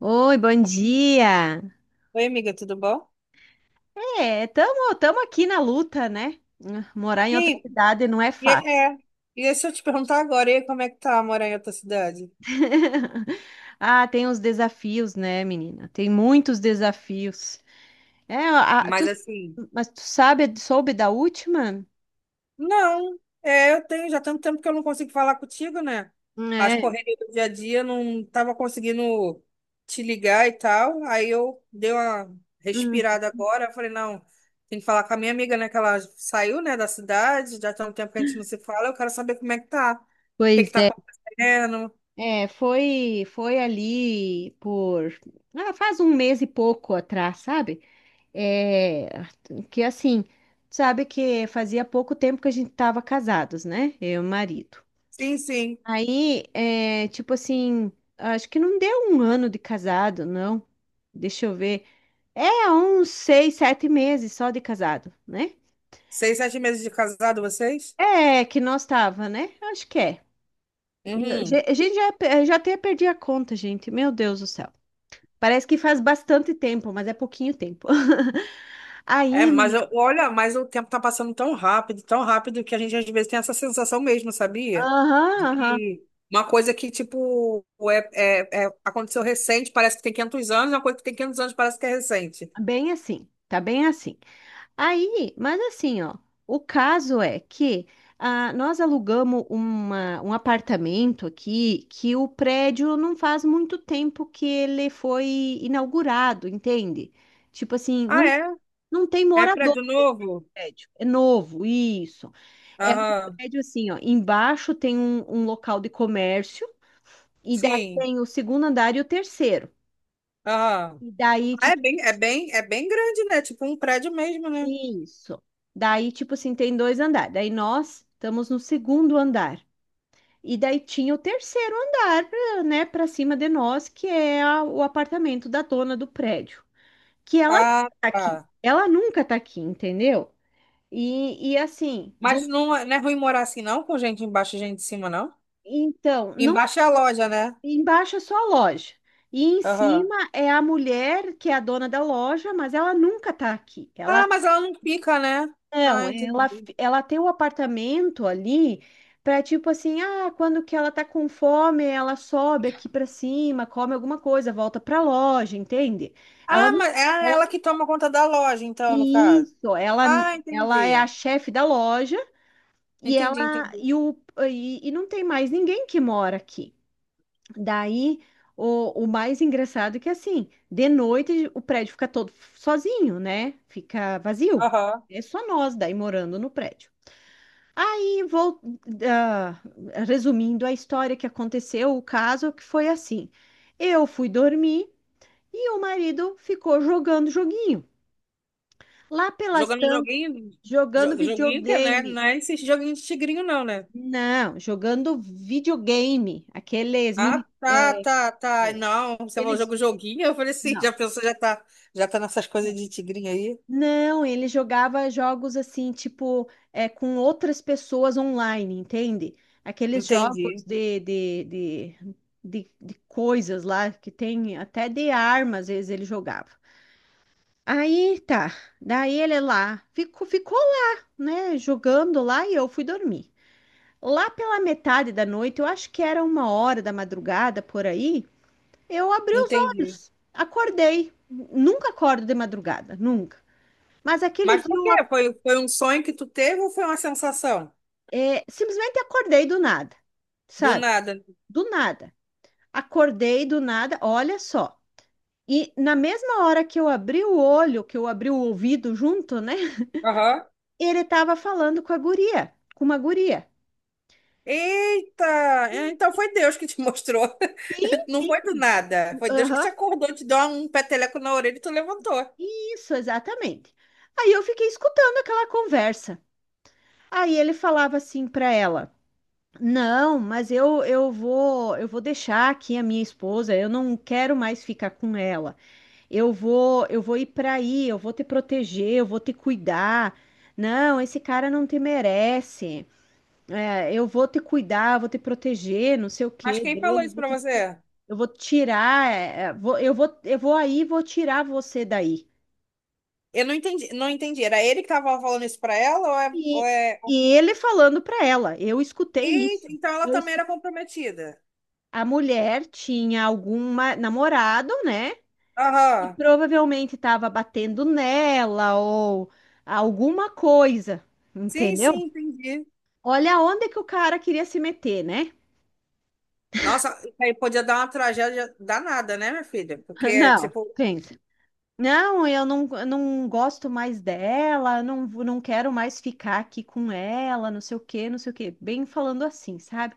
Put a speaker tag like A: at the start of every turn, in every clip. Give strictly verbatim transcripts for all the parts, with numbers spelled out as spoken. A: Oi, bom dia.
B: Oi, amiga, tudo bom?
A: É, tamo, tamo aqui na luta, né? Morar em
B: E
A: outra
B: aí,
A: cidade não é
B: e,
A: fácil.
B: é, e aí, se eu te perguntar agora, e aí, como é que tá morar em outra cidade?
A: Ah, tem os desafios, né, menina? Tem muitos desafios. É, a- tu,
B: Mas assim,
A: mas tu sabe, soube da última?
B: Não, é, eu tenho já tanto tempo que eu não consigo falar contigo, né? As
A: É.
B: correrias do dia a dia não tava conseguindo te ligar e tal. Aí eu dei uma
A: Hum.
B: respirada agora, falei, não, tem que falar com a minha amiga, né? Que ela saiu, né, da cidade, já tem um tempo que a gente não se fala, eu quero saber como é que tá. O que que
A: Pois
B: tá
A: é.
B: acontecendo?
A: É, foi, foi ali por, ah, faz um mês e pouco atrás, sabe? É, que assim, sabe que fazia pouco tempo que a gente estava casados, né? Eu e o marido.
B: Sim, sim.
A: Aí, é, tipo assim, acho que não deu um ano de casado, não. Deixa eu ver. É, uns seis, sete meses só de casado, né?
B: Seis, sete meses de casado, vocês?
A: É, que nós tava, né? Acho que é. Eu-
B: Uhum.
A: ge- A gente já, pe- já até perdi a conta, gente. Meu Deus do céu. Parece que faz bastante tempo, mas é pouquinho tempo.
B: É,
A: Aí,
B: mas
A: menina.
B: eu, olha, mas o tempo tá passando tão rápido, tão rápido, que a gente às vezes tem essa sensação mesmo, sabia?
A: Aham,
B: De
A: aham.
B: que uma coisa que, tipo, é, é, é- aconteceu recente, parece que tem 500 anos, uma coisa que tem 500 anos parece que é recente.
A: Bem assim, tá bem assim. Aí, mas assim, ó, o caso é que ah, nós alugamos uma, um apartamento aqui que o prédio não faz muito tempo que ele foi inaugurado, entende? Tipo assim,
B: Ah,
A: não,
B: é?
A: não tem
B: É
A: morador
B: prédio
A: no
B: novo?
A: prédio, é novo, isso. É um
B: Aham,
A: prédio assim, ó, embaixo tem um, um local de comércio, e daí
B: sim,
A: tem o segundo andar e o terceiro.
B: aham.
A: E daí,
B: Ah, É
A: tipo,
B: bem, é bem, é bem grande, né? Tipo um prédio mesmo, né?
A: isso. Daí, tipo assim, tem dois andares. Daí nós estamos no segundo andar. E daí tinha o terceiro andar, pra- né, para cima de nós, que é a- o apartamento da dona do prédio, que ela nunca
B: Ah,
A: tá
B: tá.
A: aqui. Ela nunca tá aqui, entendeu? E, e assim, do,
B: Mas não, é- não é ruim morar assim, não, com gente embaixo e gente em cima, não?
A: então, não,
B: Embaixo é a loja, né?
A: Embaixo é só a loja. E em
B: Aham.
A: cima é a mulher que é a dona da loja, mas ela nunca tá aqui. Ela...
B: Ah, mas ela não fica, né?
A: Não,
B: Ah,
A: ela,
B: entendi.
A: f- ela tem o apartamento ali para tipo assim, ah, quando que ela tá com fome, ela sobe aqui para cima, come alguma coisa, volta para loja, entende? Ela
B: Ah,
A: não,
B: mas é
A: ela
B: ela
A: não-
B: que toma conta da loja, então, no caso.
A: Isso, ela,
B: Ah,
A: ela
B: entendi.
A: é a chefe da loja e
B: Entendi,
A: ela
B: entendi.
A: e, o, e, e não tem mais ninguém que mora aqui. Daí o, o mais engraçado é que assim, de noite o prédio fica todo sozinho, né? Fica vazio.
B: Aham.
A: É só nós daí morando no prédio. E vou, ah, resumindo a história que aconteceu, o caso que foi assim. Eu fui dormir e o marido ficou jogando joguinho. Lá pelas
B: Jogando
A: tantas,
B: joguinho,
A: jogando
B: jo- joguinho que, né?
A: videogame.
B: Não é esse joguinho de tigrinho, não, né?
A: Não, jogando videogame. Aqueles
B: Ah,
A: mini,
B: tá,
A: é,
B: tá, tá.
A: é,
B: Não, você falou
A: aqueles,
B: jogo joguinho, eu falei assim,
A: não.
B: já pensou, já tá, já tá nessas coisas
A: é,
B: de tigrinho aí?
A: Não, ele jogava jogos assim, tipo, é, com outras pessoas online, entende? Aqueles jogos
B: Entendi,
A: de, de, de, de, de coisas lá, que tem até de armas, às vezes ele jogava. Aí tá, daí ele lá, ficou, ficou lá, né, jogando lá e eu fui dormir. Lá pela metade da noite, eu acho que era uma hora da madrugada por aí, eu abri os
B: entendi.
A: olhos, acordei. Nunca acordo de madrugada, nunca. Mas aquele
B: Mas
A: dia
B: por
A: eu
B: quê? Foi, foi um sonho que tu teve ou foi uma sensação?
A: É, simplesmente acordei do nada,
B: Do
A: sabe?
B: nada.
A: Do nada. Acordei do nada, olha só. E na mesma hora que eu abri o olho, que eu abri o ouvido junto, né?
B: Aham.
A: Ele estava falando com a guria, com uma guria.
B: Eita! Então foi Deus que te mostrou.
A: Sim,
B: Não
A: sim.
B: foi do nada. Foi Deus que te
A: Aham.
B: acordou, te deu um peteleco na orelha e tu levantou.
A: Isso, exatamente. Aí eu fiquei escutando aquela conversa. Aí ele falava assim para ela: "Não, mas eu eu vou, eu vou deixar aqui a minha esposa, eu não quero mais ficar com ela." Eu vou, eu vou ir para aí, eu vou te proteger, eu vou te cuidar. Não, esse cara não te merece. É, eu vou te cuidar, eu vou te proteger, não sei o
B: Mas
A: que
B: quem falou
A: dele,
B: isso
A: vou
B: pra
A: te-
B: você?
A: eu vou tirar, é, é, vou- eu vou, eu vou aí, e vou tirar você daí.
B: Eu não entendi, não entendi. Era ele que tava falando isso pra ela ou é, ou
A: E,
B: é...
A: e ele falando para ela, eu escutei
B: Eita,
A: isso.
B: então ela
A: Eu
B: também
A: escu-
B: era comprometida.
A: a mulher tinha alguma namorado, né? E
B: Aham.
A: provavelmente estava batendo nela ou alguma coisa,
B: Sim,
A: entendeu?
B: sim, entendi.
A: Olha onde que o cara queria se meter, né?
B: Nossa, isso aí podia dar uma tragédia danada, né, minha filha? Porque,
A: Não,
B: tipo,
A: pensa. Não, eu não, eu não gosto mais dela, não, vou- não quero mais ficar aqui com ela, não sei o quê, não sei o quê. Bem falando assim, sabe?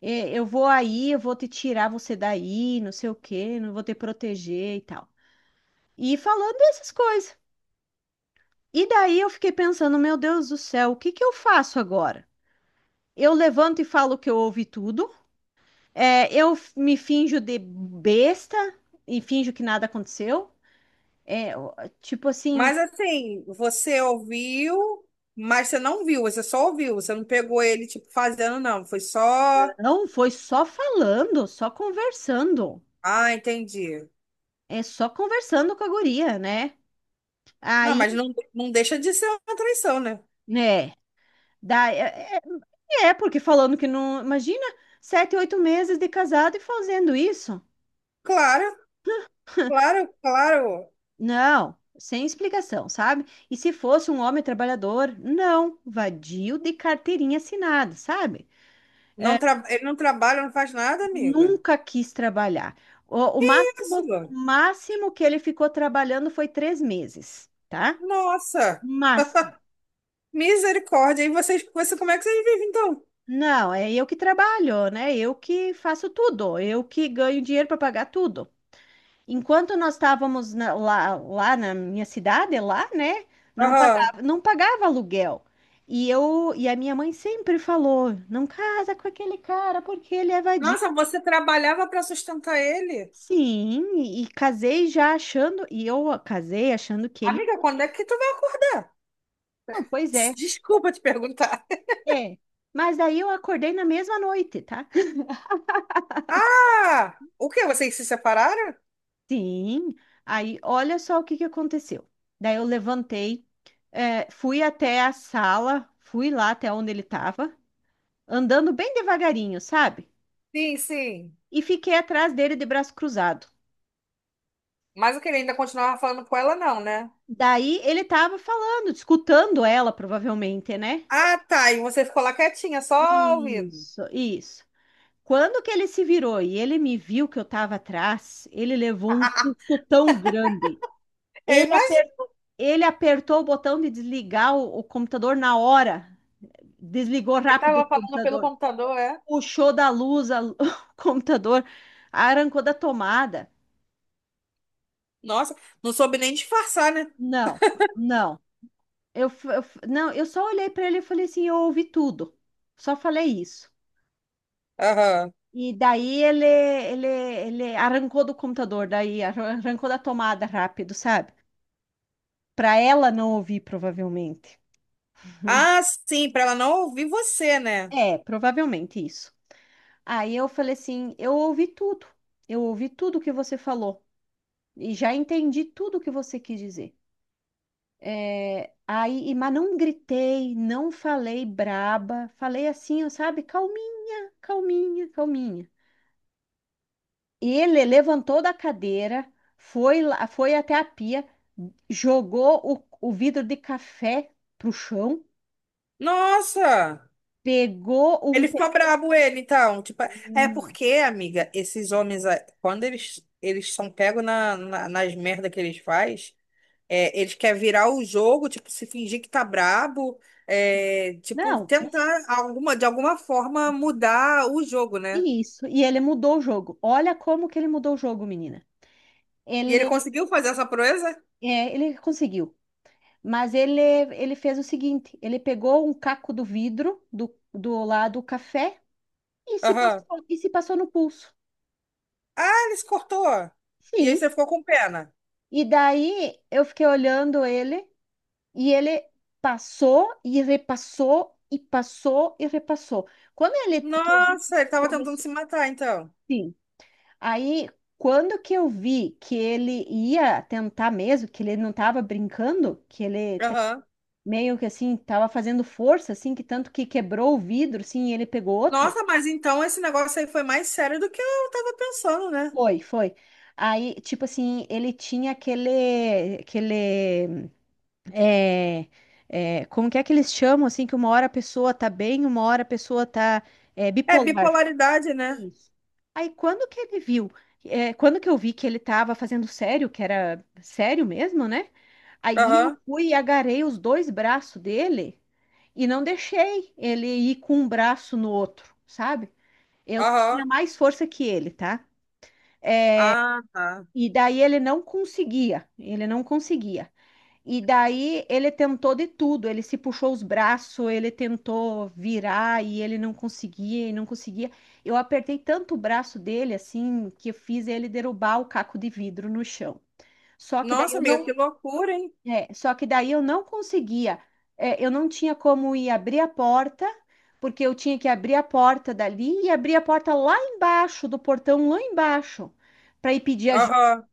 A: É, eu vou aí, eu vou te tirar você daí, não sei o quê, não vou te proteger e tal. E falando essas coisas. E daí eu fiquei pensando, meu Deus do céu, o que que eu faço agora? Eu levanto e falo que eu ouvi tudo, é, eu f- me finjo de besta e finjo que nada aconteceu. É, ó, tipo assim,
B: Mas assim, você ouviu, mas você não viu, você só ouviu, você não pegou ele, tipo, fazendo, não. Foi só.
A: não foi só falando, só conversando.
B: Ah, entendi.
A: É só conversando com a guria, né?
B: Não,
A: Aí,
B: mas não, não deixa de ser uma traição, né?
A: né? Da, é, é, é, porque falando que não. Imagina sete, oito meses de casado e fazendo isso.
B: Claro, claro, claro.
A: Não, sem explicação, sabe? E se fosse um homem trabalhador, não, vadio de carteirinha assinada, sabe?
B: Não tra... Ele não trabalha, não faz nada, amiga.
A: Nunca quis trabalhar. O, o máximo, o
B: Isso.
A: máximo que ele ficou trabalhando foi três meses. Tá?
B: Nossa,
A: Máximo.
B: misericórdia. E vocês, você, como é que vocês vivem, então?
A: Não, é eu que trabalho, né? Eu que faço tudo, eu que ganho dinheiro para pagar tudo. Enquanto nós estávamos na- lá, lá na minha cidade, lá, né? Não
B: Aham.
A: pagava, não pagava aluguel. E eu e a minha mãe sempre falou, não casa com aquele cara porque ele é vadio.
B: Nossa, você trabalhava para sustentar ele?
A: Sim, e e casei já achando, e eu casei achando que ele,
B: Amiga, quando é que tu vai acordar?
A: não, pois é,
B: Desculpa te perguntar.
A: é. Mas daí eu acordei na mesma noite, tá?
B: Ah! O quê? Vocês se separaram?
A: Sim, aí olha só o que que aconteceu. Daí eu levantei, eh, fui até a sala, fui lá até onde ele estava, andando bem devagarinho, sabe?
B: Sim, sim.
A: E fiquei atrás dele de braço cruzado.
B: Mas o que ele ainda continuava falando com ela, não, né?
A: Daí ele estava falando, escutando ela, provavelmente, né?
B: Ah, tá. E você ficou lá quietinha, só ouvindo.
A: Isso, isso. Quando que ele se virou e ele me viu que eu estava atrás, ele levou um susto tão grande. Ele
B: Eu imagino.
A: Ele apertou o botão de desligar o, o computador na hora. Desligou
B: Ele
A: rápido o
B: tava falando pelo
A: computador.
B: computador, é?
A: Puxou da luz a- o computador. Arrancou da tomada.
B: Nossa, não soube nem disfarçar, né?
A: Não, não. Eu, f- eu f- não, eu só olhei para ele e falei assim, eu ouvi tudo. Só falei isso.
B: Aham.
A: E daí ele, ele, ele arrancou do computador, daí arran- arrancou da tomada rápido, sabe? Para ela não ouvir, provavelmente.
B: Ah, sim, pra ela não ouvir você, né?
A: É, provavelmente isso. Aí eu falei assim: eu ouvi tudo, eu ouvi tudo que você falou e já entendi tudo que você quis dizer. É, aí, e- mas não gritei, não falei braba, falei assim, ó, sabe, calminha, calminha, calminha. Ele levantou da cadeira, foi lá, foi até a pia, jogou o, o vidro de café pro chão,
B: Nossa!
A: pegou um.
B: Ele
A: pe-
B: ficou brabo, ele, então. Tipo, é porque, amiga, esses homens, ah, quando eles, eles são pegos na, na- nas merdas que eles fazem, é, ele quer virar o jogo, tipo, se fingir que tá brabo, é, tipo,
A: não, isso,
B: tentar alguma, de alguma forma mudar o jogo, né?
A: isso. E ele mudou o jogo. Olha como que ele mudou o jogo, menina.
B: E ele
A: Ele...
B: conseguiu fazer essa proeza?
A: É, ele conseguiu. Mas ele, ele fez o seguinte: ele pegou um caco do vidro do, do lado do café e se
B: Aham.
A: passou, e se passou no pulso.
B: Ah, ele se cortou. E aí
A: Sim.
B: você ficou com pena.
A: E daí eu fiquei olhando ele e ele passou e repassou e passou e repassou. Quando ele que eu vi que
B: Nossa, ele tava tentando
A: começou,
B: se matar, então.
A: sim. Aí quando que eu vi que ele ia tentar mesmo, que ele não estava brincando, que ele
B: Aham.
A: meio que assim, tava fazendo força, assim, que tanto que quebrou o vidro, assim, e ele pegou outro?
B: Nossa, mas então esse negócio aí foi mais sério do que eu tava pensando, né?
A: Foi, foi. Aí, tipo assim, ele tinha aquele, aquele, é, é, como que é que eles chamam, assim, que uma hora a pessoa tá bem, uma hora a pessoa tá, é,
B: É
A: bipolar.
B: bipolaridade, né?
A: Isso. Aí quando que ele viu, é, quando que eu vi que ele tava fazendo sério, que era sério mesmo, né? Aí eu
B: Aham,
A: fui e agarrei os dois braços dele e não deixei ele ir com um braço no outro, sabe? Eu tinha
B: aham.
A: mais força que ele, tá?
B: Ah, tá.
A: E daí ele não conseguia, ele não conseguia. E daí ele tentou de tudo, ele se puxou os braços, ele tentou virar e ele não conseguia e não conseguia. Eu apertei tanto o braço dele assim que eu fiz ele derrubar o caco de vidro no chão. Só que daí
B: Nossa,
A: eu
B: amiga,
A: não,
B: que loucura, hein?
A: é, só que daí eu não conseguia. É, eu não tinha como ir abrir a porta, porque eu tinha que abrir a porta dali e abrir a porta lá embaixo do portão lá embaixo para ir pedir
B: Aham.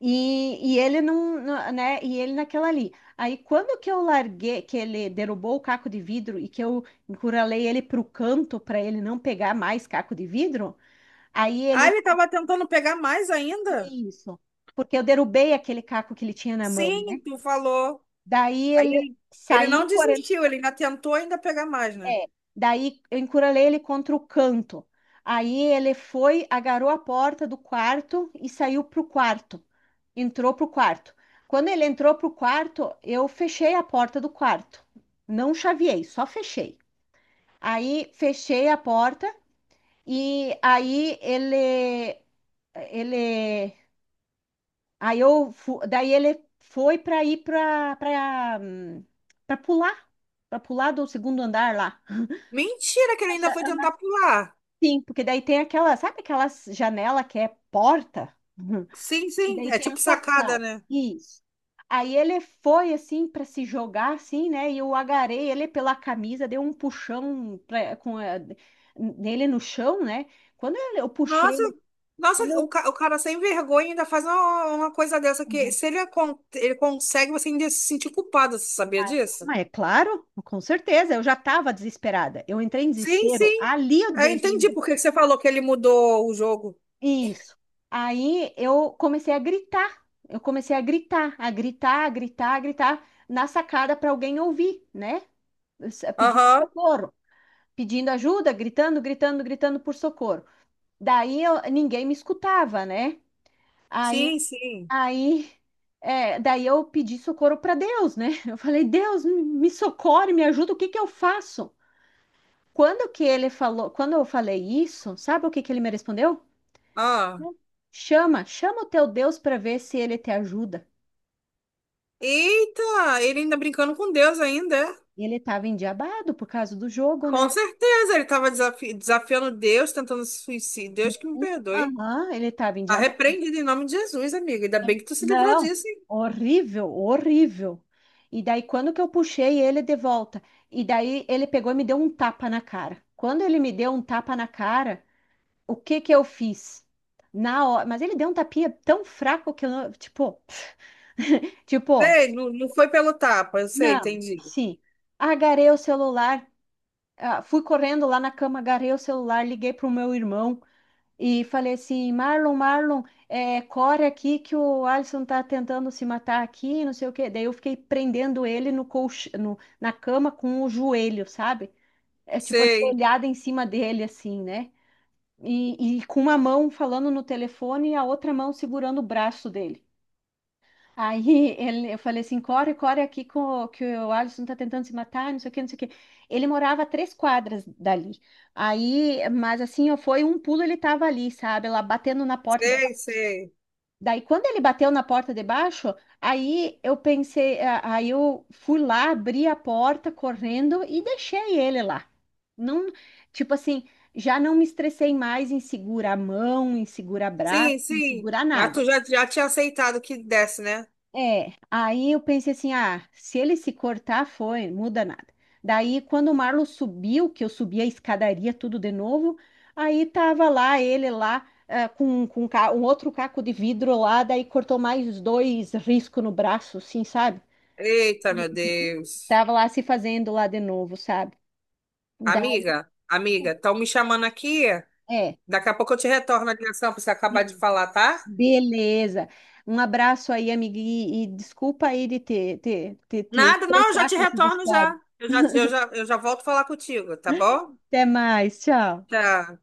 A: e, e ele não, não- né? E ele naquela ali. Aí quando que eu larguei, que ele derrubou o caco de vidro e que eu encurralei ele pro canto para ele não pegar mais caco de vidro, aí
B: Ah,
A: ele
B: ele estava tentando pegar mais ainda?
A: fazia isso, porque eu derrubei aquele caco que ele tinha na mão, né?
B: Sim, tu falou.
A: Daí
B: Aí
A: ele
B: ele, ele
A: saiu
B: não
A: correndo.
B: desistiu, ele ainda tentou ainda pegar mais, né?
A: É, daí eu encurralei ele contra o canto. Aí ele foi, agarrou a porta do quarto e saiu pro quarto. Entrou pro quarto. Quando ele entrou pro quarto, eu fechei a porta do quarto. Não chaveei, só fechei. Aí fechei a porta e aí ele ele aí eu fu- daí ele foi para ir para para para pular, para pular do segundo andar lá.
B: Mentira que ele ainda foi tentar pular.
A: Sim, porque daí tem aquela, sabe aquela janela que é porta?
B: Sim,
A: E
B: sim,
A: daí
B: é
A: tem a
B: tipo sacada,
A: sacada.
B: né?
A: Isso. Aí ele foi assim para se jogar assim, né? E eu agarrei ele pela camisa, dei um puxão pra, com a- nele no chão, né? Quando ele- eu puxei
B: Nossa,
A: ele,
B: nossa,
A: quando
B: o,
A: eu-
B: ca- o cara sem vergonha ainda faz uma, uma, coisa dessa que
A: uhum.
B: se ele, con- ele consegue, você ainda se sentir culpado, você sabia
A: Mas
B: disso?
A: mas é claro, com certeza, eu já estava desesperada. Eu entrei em
B: Sim,
A: desespero.
B: sim.
A: Ali eu
B: Eu
A: entrei
B: entendi por que que você falou que ele mudou o jogo.
A: isso. Aí eu comecei a gritar. Eu comecei a gritar, a gritar, a gritar, a gritar na sacada para alguém ouvir, né? S- Pedindo
B: Aham.
A: socorro, pedindo ajuda, gritando, gritando, gritando por socorro. Daí eu- ninguém me escutava, né? Aí,
B: Sim, sim.
A: aí, é, daí eu pedi socorro para Deus, né? Eu falei, Deus, me me socorre, me ajuda, o que que eu faço? Quando que ele falou, quando eu falei isso, sabe o que que ele me respondeu?
B: Ah.
A: Chama, chama o teu Deus para ver se ele te ajuda.
B: Eita, ele ainda brincando com Deus ainda, é?
A: Ele estava endiabado por causa do jogo,
B: Com
A: né?
B: certeza, ele estava desafi- desafiando Deus, tentando se suicídio. Deus que me perdoe.
A: Aham, ele estava endiabado.
B: Arrependido em nome de Jesus, amiga. Ainda bem que tu se livrou
A: Não,
B: disso, hein?
A: horrível, horrível. E daí, quando que eu puxei ele de volta? E daí, ele pegou e me deu um tapa na cara. Quando ele me deu um tapa na cara, o que que eu fiz? Na hora, mas ele deu um tapinha tão fraco que eu não, tipo, tipo,
B: Sei, não, não foi pelo tapa, eu sei,
A: não,
B: entendi.
A: sim. Agarrei o celular, ah, fui correndo lá na cama, agarrei o celular, liguei para o meu irmão e falei assim: Marlon, Marlon, é, corre aqui que o Alisson tá tentando se matar aqui, não sei o quê. Daí eu fiquei prendendo ele no colch... no- na cama com o joelho, sabe? É tipo,
B: Sei,
A: ajoelhada em cima dele, assim, né? E, e com uma mão falando no telefone e a outra mão segurando o braço dele. Aí ele, eu falei assim, corre, corre aqui com, o- que o Alisson tá tentando se matar, não sei o que, não sei o que. Ele morava a três quadras dali. Aí, mas assim, ó, foi um pulo, ele tava ali, sabe? Lá batendo na porta. De...
B: sei, sei.
A: Daí, quando ele bateu na porta de baixo, aí eu pensei, a- aí eu fui lá, abri a porta correndo e deixei ele lá. Não, tipo assim, já não me estressei mais em segurar a mão, em segurar braço,
B: Sim,
A: em
B: sim.
A: segurar
B: Mas
A: nada.
B: tu já, já tinha aceitado que desse, né?
A: É, aí eu pensei assim, ah, se ele se cortar, foi, muda nada. Daí, quando o Marlon subiu, que eu subi a escadaria tudo de novo, aí tava lá ele lá ah, com, com um ca- um outro caco de vidro lá, daí cortou mais dois riscos no braço, assim, sabe?
B: Eita, meu Deus.
A: Tava lá se fazendo lá de novo, sabe? Daí,
B: Amiga, amiga, estão me chamando aqui.
A: é,
B: Daqui a pouco eu te retorno a ligação para você acabar de
A: sim,
B: falar, tá?
A: beleza. Um abraço aí, amiga, e, e desculpa aí de te, te, te, te
B: Nada, não, eu já
A: estressar
B: te
A: com essas
B: retorno
A: histórias.
B: já. Eu já, eu já, eu já volto falar contigo, tá bom?
A: Até mais, tchau.
B: Tchau.